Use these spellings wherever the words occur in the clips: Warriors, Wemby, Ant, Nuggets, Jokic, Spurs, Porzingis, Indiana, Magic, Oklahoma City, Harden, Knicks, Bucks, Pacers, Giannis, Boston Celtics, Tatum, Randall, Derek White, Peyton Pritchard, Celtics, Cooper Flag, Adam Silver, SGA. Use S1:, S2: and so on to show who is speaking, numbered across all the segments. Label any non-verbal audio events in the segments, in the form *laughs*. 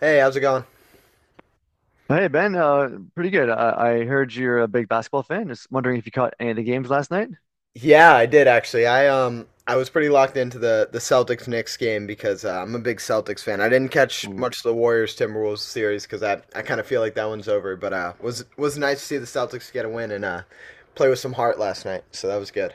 S1: Hey, how's it going?
S2: Hey Ben, pretty good. I heard you're a big basketball fan. Just wondering if you caught any of the games last night.
S1: Yeah, I did actually. I was pretty locked into the Celtics Knicks game because I'm a big Celtics fan. I didn't catch much of the Warriors Timberwolves series because I kind of feel like that one's over. But was nice to see the Celtics get a win and play with some heart last night. So that was good.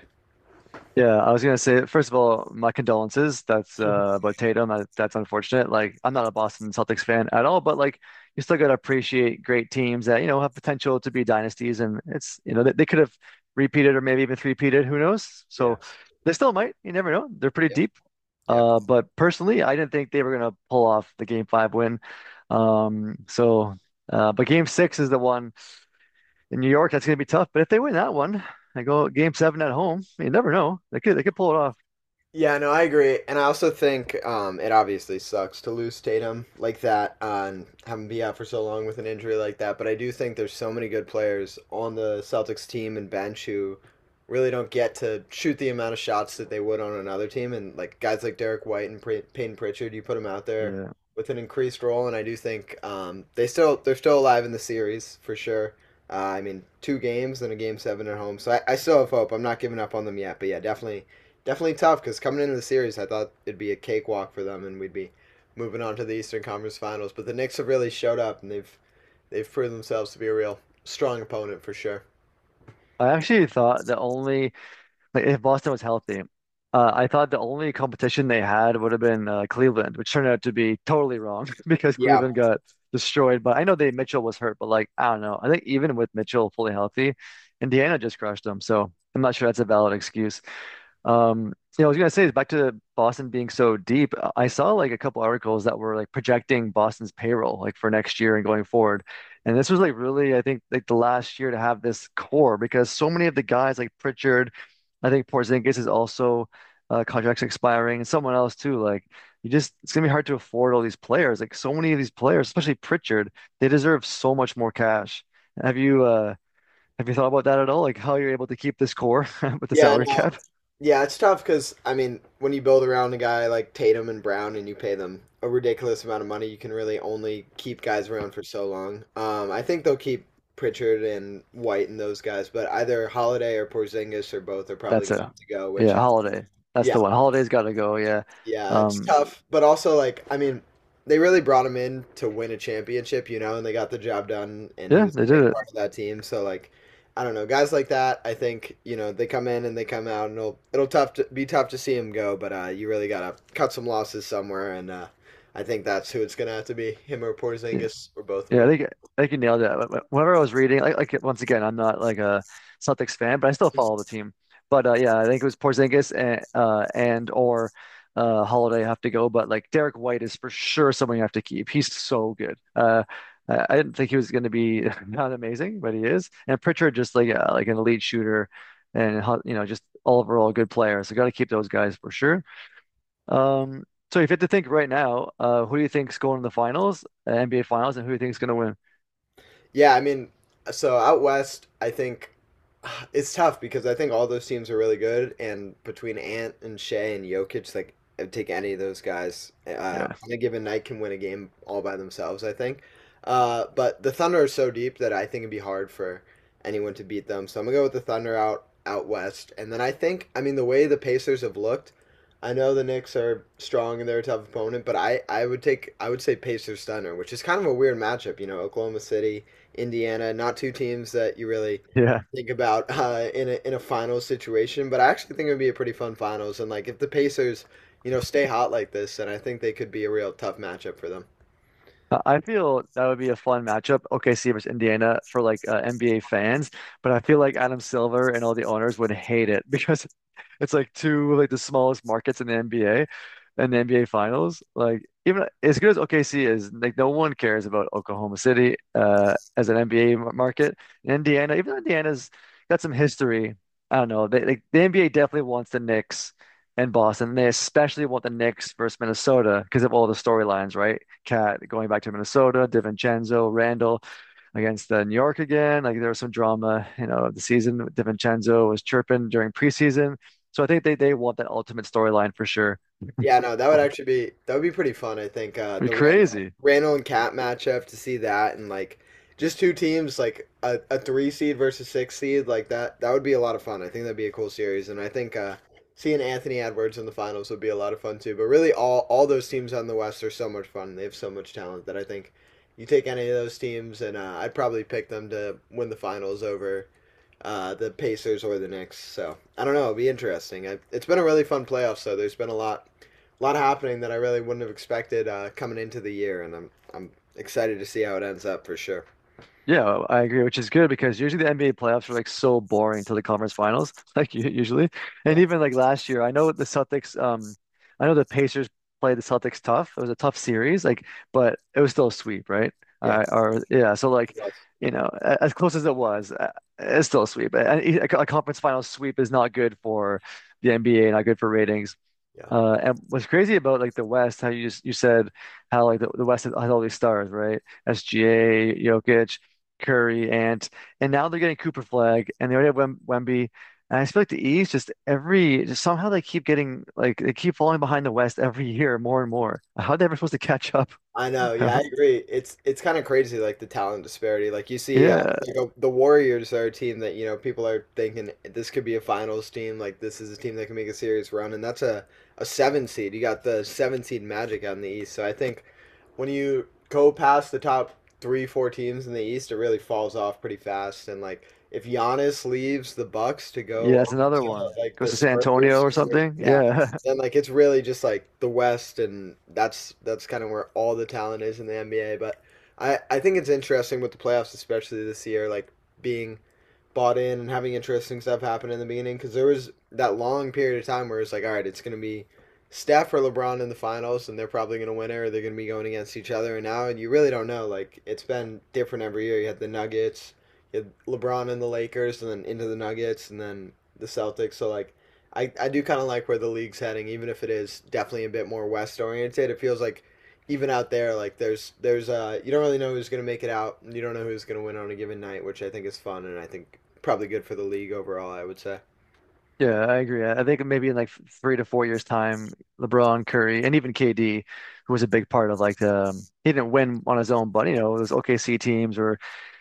S2: Yeah, I was gonna say, first of all, my condolences. That's about Tatum. That's unfortunate. Like I'm
S1: Yeah.
S2: not a Boston Celtics fan at all, but like you still gotta appreciate great teams that, you know, have potential to be dynasties, and it's you know they could have repeated or maybe even three-peated, who knows?
S1: Yeah.
S2: So they still might, you never know. They're pretty
S1: Yeah.
S2: deep.
S1: Yeah.
S2: But personally I didn't think they were gonna pull off the game 5 win. Um so but game 6 is the one in New York, that's going to be tough. But if they win that one, I go game 7 at home. You never know. They could pull it off.
S1: Yeah, no, I agree, and I also think it obviously sucks to lose Tatum like that, and have him be out for so long with an injury like that. But I do think there's so many good players on the Celtics team and bench who really don't get to shoot the amount of shots that they would on another team. And like guys like Derek White and Peyton Pritchard, you put them out there
S2: Yeah.
S1: with an increased role, and I do think they're still alive in the series for sure. I mean, two games and a game seven at home, so I still have hope. I'm not giving up on them yet, but yeah, definitely tough because coming into the series, I thought it'd be a cakewalk for them, and we'd be moving on to the Eastern Conference Finals. But the Knicks have really showed up, and they've proven themselves to be a real strong opponent for sure.
S2: I actually thought the only, like if Boston was healthy, I thought the only competition they had would have been Cleveland, which turned out to be totally wrong *laughs* because
S1: Yeah,
S2: Cleveland got destroyed. But I know they Mitchell was hurt, but like I don't know. I think even with Mitchell fully healthy, Indiana just crushed them. So I'm not sure that's a valid excuse. Um, I was gonna say, back to Boston being so deep. I saw like a couple articles that were like projecting Boston's payroll like for next year and going forward. And this was like really, I think, like the last year to have this core, because so many of the guys like Pritchard, I think Porzingis is also, contracts expiring, and someone else too. Like you just, it's gonna be hard to afford all these players. Like so many of these players, especially Pritchard, they deserve so much more cash. Have you uh have you thought about that at all? Like how you're able to keep this core *laughs* with the
S1: yeah,
S2: salary
S1: no,
S2: cap?
S1: yeah, it's tough because I mean, when you build around a guy like Tatum and Brown, and you pay them a ridiculous amount of money, you can really only keep guys around for so long. I think they'll keep Pritchard and White and those guys, but either Holiday or Porzingis or both are probably
S2: That's
S1: going to
S2: a
S1: have to go.
S2: Yeah,
S1: Which,
S2: Holiday. That's
S1: yeah,
S2: the one. Holiday's got to go. Yeah.
S1: yeah, it's
S2: Um.
S1: tough, but also like I mean, they really brought him in to win a championship, you know, and they got the job done, and he
S2: Yeah,
S1: was a
S2: they did
S1: great
S2: it.
S1: part of that team. So like, I don't know, guys like that, I think you know they come in and they come out, and it'll be tough to see him go, but you really gotta cut some losses somewhere, and I think that's who it's gonna have to be, him or
S2: Yeah,
S1: Porzingis or both of
S2: yeah, I
S1: them.
S2: think you nailed it. Whenever I was reading, like, once again, I'm not like a Celtics fan, but I still follow the team. But yeah, I think it was Porzingis and or Holiday have to go. But like Derek White is for sure someone you have to keep. He's so good. I didn't think he was going to be *laughs* not amazing, but he is. And Pritchard, just like an elite shooter, and just all overall good player. So got to keep those guys for sure. Um, so if you had to think right now, who do you think's going to the finals, NBA finals, and who do you think's going to win?
S1: Yeah, I mean, so out west, I think *sighs* it's tough because I think all those teams are really good, and between Ant and Shea and Jokic, like I'd take any of those guys
S2: Yeah.
S1: on a given night can win a game all by themselves. But the Thunder are so deep that I think it'd be hard for anyone to beat them. So I'm gonna go with the Thunder out west, and then I mean the way the Pacers have looked. I know the Knicks are strong and they're a tough opponent, but I would say Pacers Thunder, which is kind of a weird matchup. You know, Oklahoma City Indiana. Not two teams that you really
S2: Yeah.
S1: think about in a finals situation, but I actually think it would be a pretty fun finals. And like if the Pacers, you know, stay hot like this, then I think they could be a real tough matchup for them.
S2: I feel that would be a fun matchup, OKC versus Indiana for like NBA fans, but I feel like Adam Silver and all the owners would hate it *laughs* because it's like two, like the smallest markets in the NBA and the NBA Finals. Like even as good as OKC is, like no one cares about Oklahoma City as an NBA market. And Indiana, even though Indiana's got some history, I don't know. They like the NBA definitely wants the Knicks and Boston. They especially want the Knicks versus Minnesota because of all the storylines, right? Cat going back to Minnesota, DiVincenzo, Randall against New York again. Like there was some drama, of the season. DiVincenzo was chirping during preseason. So I think they want that ultimate storyline for sure.
S1: Yeah, no, that would actually be that would be pretty fun, I think.
S2: It'd
S1: The
S2: be crazy.
S1: Randall and Cat matchup to see that and like just two teams like a three seed versus six seed like that would be a lot of fun. I think that'd be a cool series and I think seeing Anthony Edwards in the finals would be a lot of fun too. But really all those teams on the West are so much fun. They have so much talent that I think you take any of those teams and I'd probably pick them to win the finals over the Pacers or the Knicks. So I don't know. It'll be interesting. It's been a really fun playoff. So there's been a lot happening that I really wouldn't have expected coming into the year, and I'm excited to see how it ends up for sure.
S2: Yeah, I agree, which is good, because usually the NBA playoffs are like so boring till the conference finals, *laughs* like usually.
S1: Yeah,
S2: And even like last year, I know the Celtics. I know the Pacers played the Celtics tough. It was a tough series, like, but it was still a sweep, right?
S1: yeah,
S2: Or yeah, so
S1: it
S2: like,
S1: was. Yeah,
S2: as close as it was, it's still a sweep. A conference final sweep is not good for the NBA, not good for ratings.
S1: yeah.
S2: And what's crazy about, like, the West, how you just you said how like the West has all these stars, right? SGA, Jokic, Curry, Ant, and now they're getting Cooper Flag, and they already have Wemby. And I just feel like the East just every just somehow they keep falling behind the West every year more and more. How are they ever supposed to catch up?
S1: I know. Yeah, I
S2: *laughs*
S1: agree. It's kind of crazy, like the talent disparity.
S2: Yeah,
S1: The Warriors are a team that you know people are thinking this could be a finals team. Like this is a team that can make a serious run, and that's a seven seed. You got the seven seed Magic out in the East. So I think when you go past the top three, four teams in the East, it really falls off pretty fast. And like if Giannis leaves the Bucks to
S2: yeah,
S1: go
S2: that's
S1: over
S2: another
S1: to
S2: one.
S1: like
S2: Goes
S1: the
S2: to San Antonio
S1: Spurs,
S2: or something. Yeah. *laughs*
S1: and like it's really just like the West, and that's kind of where all the talent is in the NBA. But I think it's interesting with the playoffs, especially this year, like being bought in and having interesting stuff happen in the beginning because there was that long period of time where it's like, all right, it's going to be Steph or LeBron in the finals, and they're probably going to win it, or they're going to be going against each other. And now you really don't know. Like it's been different every year. You had the Nuggets, you had LeBron and the Lakers, and then into the Nuggets, and then the Celtics. So like, I do kind of like where the league's heading, even if it is definitely a bit more West oriented. It feels like even out there, like there's you don't really know who's going to make it out. And you don't know who's going to win on a given night, which I think is fun, and I think probably good for the league overall, I would say.
S2: Yeah, I agree. I think maybe in like 3 to 4 years' time, LeBron, Curry, and even KD, who was a big part of— he didn't win on his own, but you know, those OKC teams were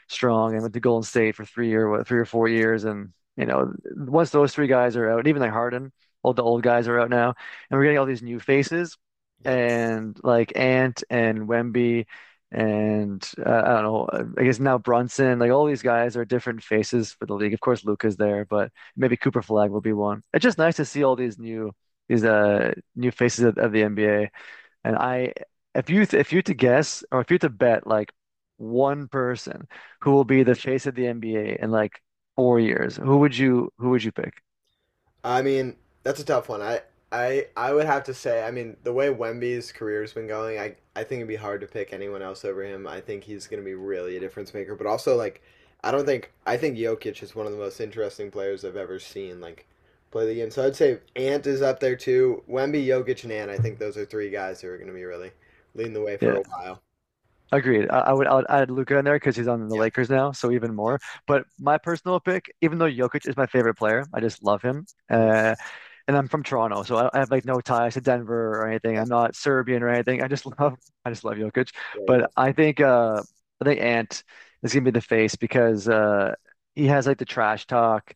S2: strong and went to Golden State for 3 or 4 years. And you know, once those three guys are out, and even like Harden, all the old guys are out now, and we're getting all these new faces,
S1: Yeah.
S2: and like Ant and Wemby and I don't know, I guess now Brunson, like all these guys are different faces for the league. Of course, Luka's there, but. Maybe Cooper Flag will be one. It's just nice to see all these new, these new faces of the NBA. And if you to guess, or if you to bet, like one person who will be the face of the NBA in like 4 years, who would you pick?
S1: I mean, that's a tough one. I would have to say. I mean, the way Wemby's career's been going, I think it'd be hard to pick anyone else over him. I think he's gonna be really a difference maker. But also, like, I don't think I think Jokic is one of the most interesting players I've ever seen. Like. Play the game, so I'd say Ant is up there too. Wemby, Jokic, and Ant. I think those are three guys who are going to be really leading the way for
S2: Yeah,
S1: a while.
S2: agreed. I would add Luca in there because he's on the
S1: Yeah,
S2: Lakers now, so even
S1: yeah,
S2: more. But my personal pick, even though Jokic is my favorite player, I just love him.
S1: mhm,
S2: And I'm from Toronto, so I have like no ties to Denver or anything.
S1: yeah.
S2: I'm not Serbian or anything. I just *laughs* love I just love Jokic.
S1: yeah
S2: But
S1: he's
S2: I think Ant is gonna be the face, because he has like the trash talk.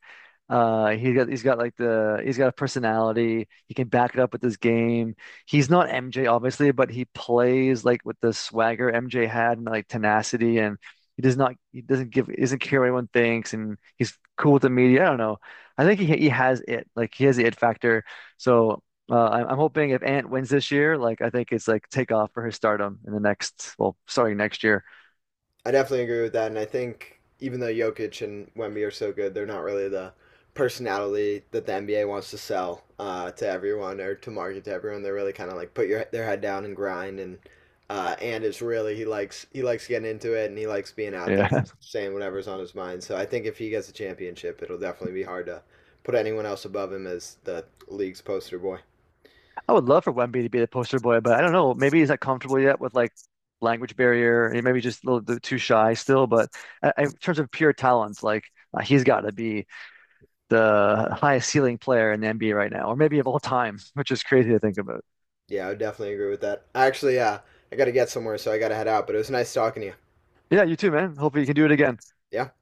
S2: He's got a personality. He can back it up with his game. He's not MJ obviously, but he plays like with the swagger MJ had, and like tenacity, and he doesn't give is not care what anyone thinks, and he's cool with the media. I don't know. I think he has it. Like he has the it factor. So I'm hoping if Ant wins this year, like I think it's like take off for his stardom in the next, well, starting next year.
S1: I definitely agree with that, and I think even though Jokic and Wemby are so good, they're not really the personality that the NBA wants to sell to everyone or to market to everyone. They're really kind of like put your their head down and grind, and it's really he likes getting into it and he likes being out there
S2: Yeah.
S1: saying whatever's on his mind. So I think if he gets a championship, it'll definitely be hard to put anyone else above him as the league's poster boy.
S2: *laughs* I would love for Wemby to be the poster boy, but I don't know. Maybe he's not comfortable yet with like language barrier, and maybe just a little bit too shy still. But in terms of pure talent, like he's got to be the highest ceiling player in the NBA right now, or maybe of all time, *laughs* which is crazy to think about.
S1: Yeah, I would definitely agree with that. Actually, I got to get somewhere, so I got to head out. But it was nice talking to you.
S2: Yeah, you too, man. Hopefully you can do it again.
S1: Yeah.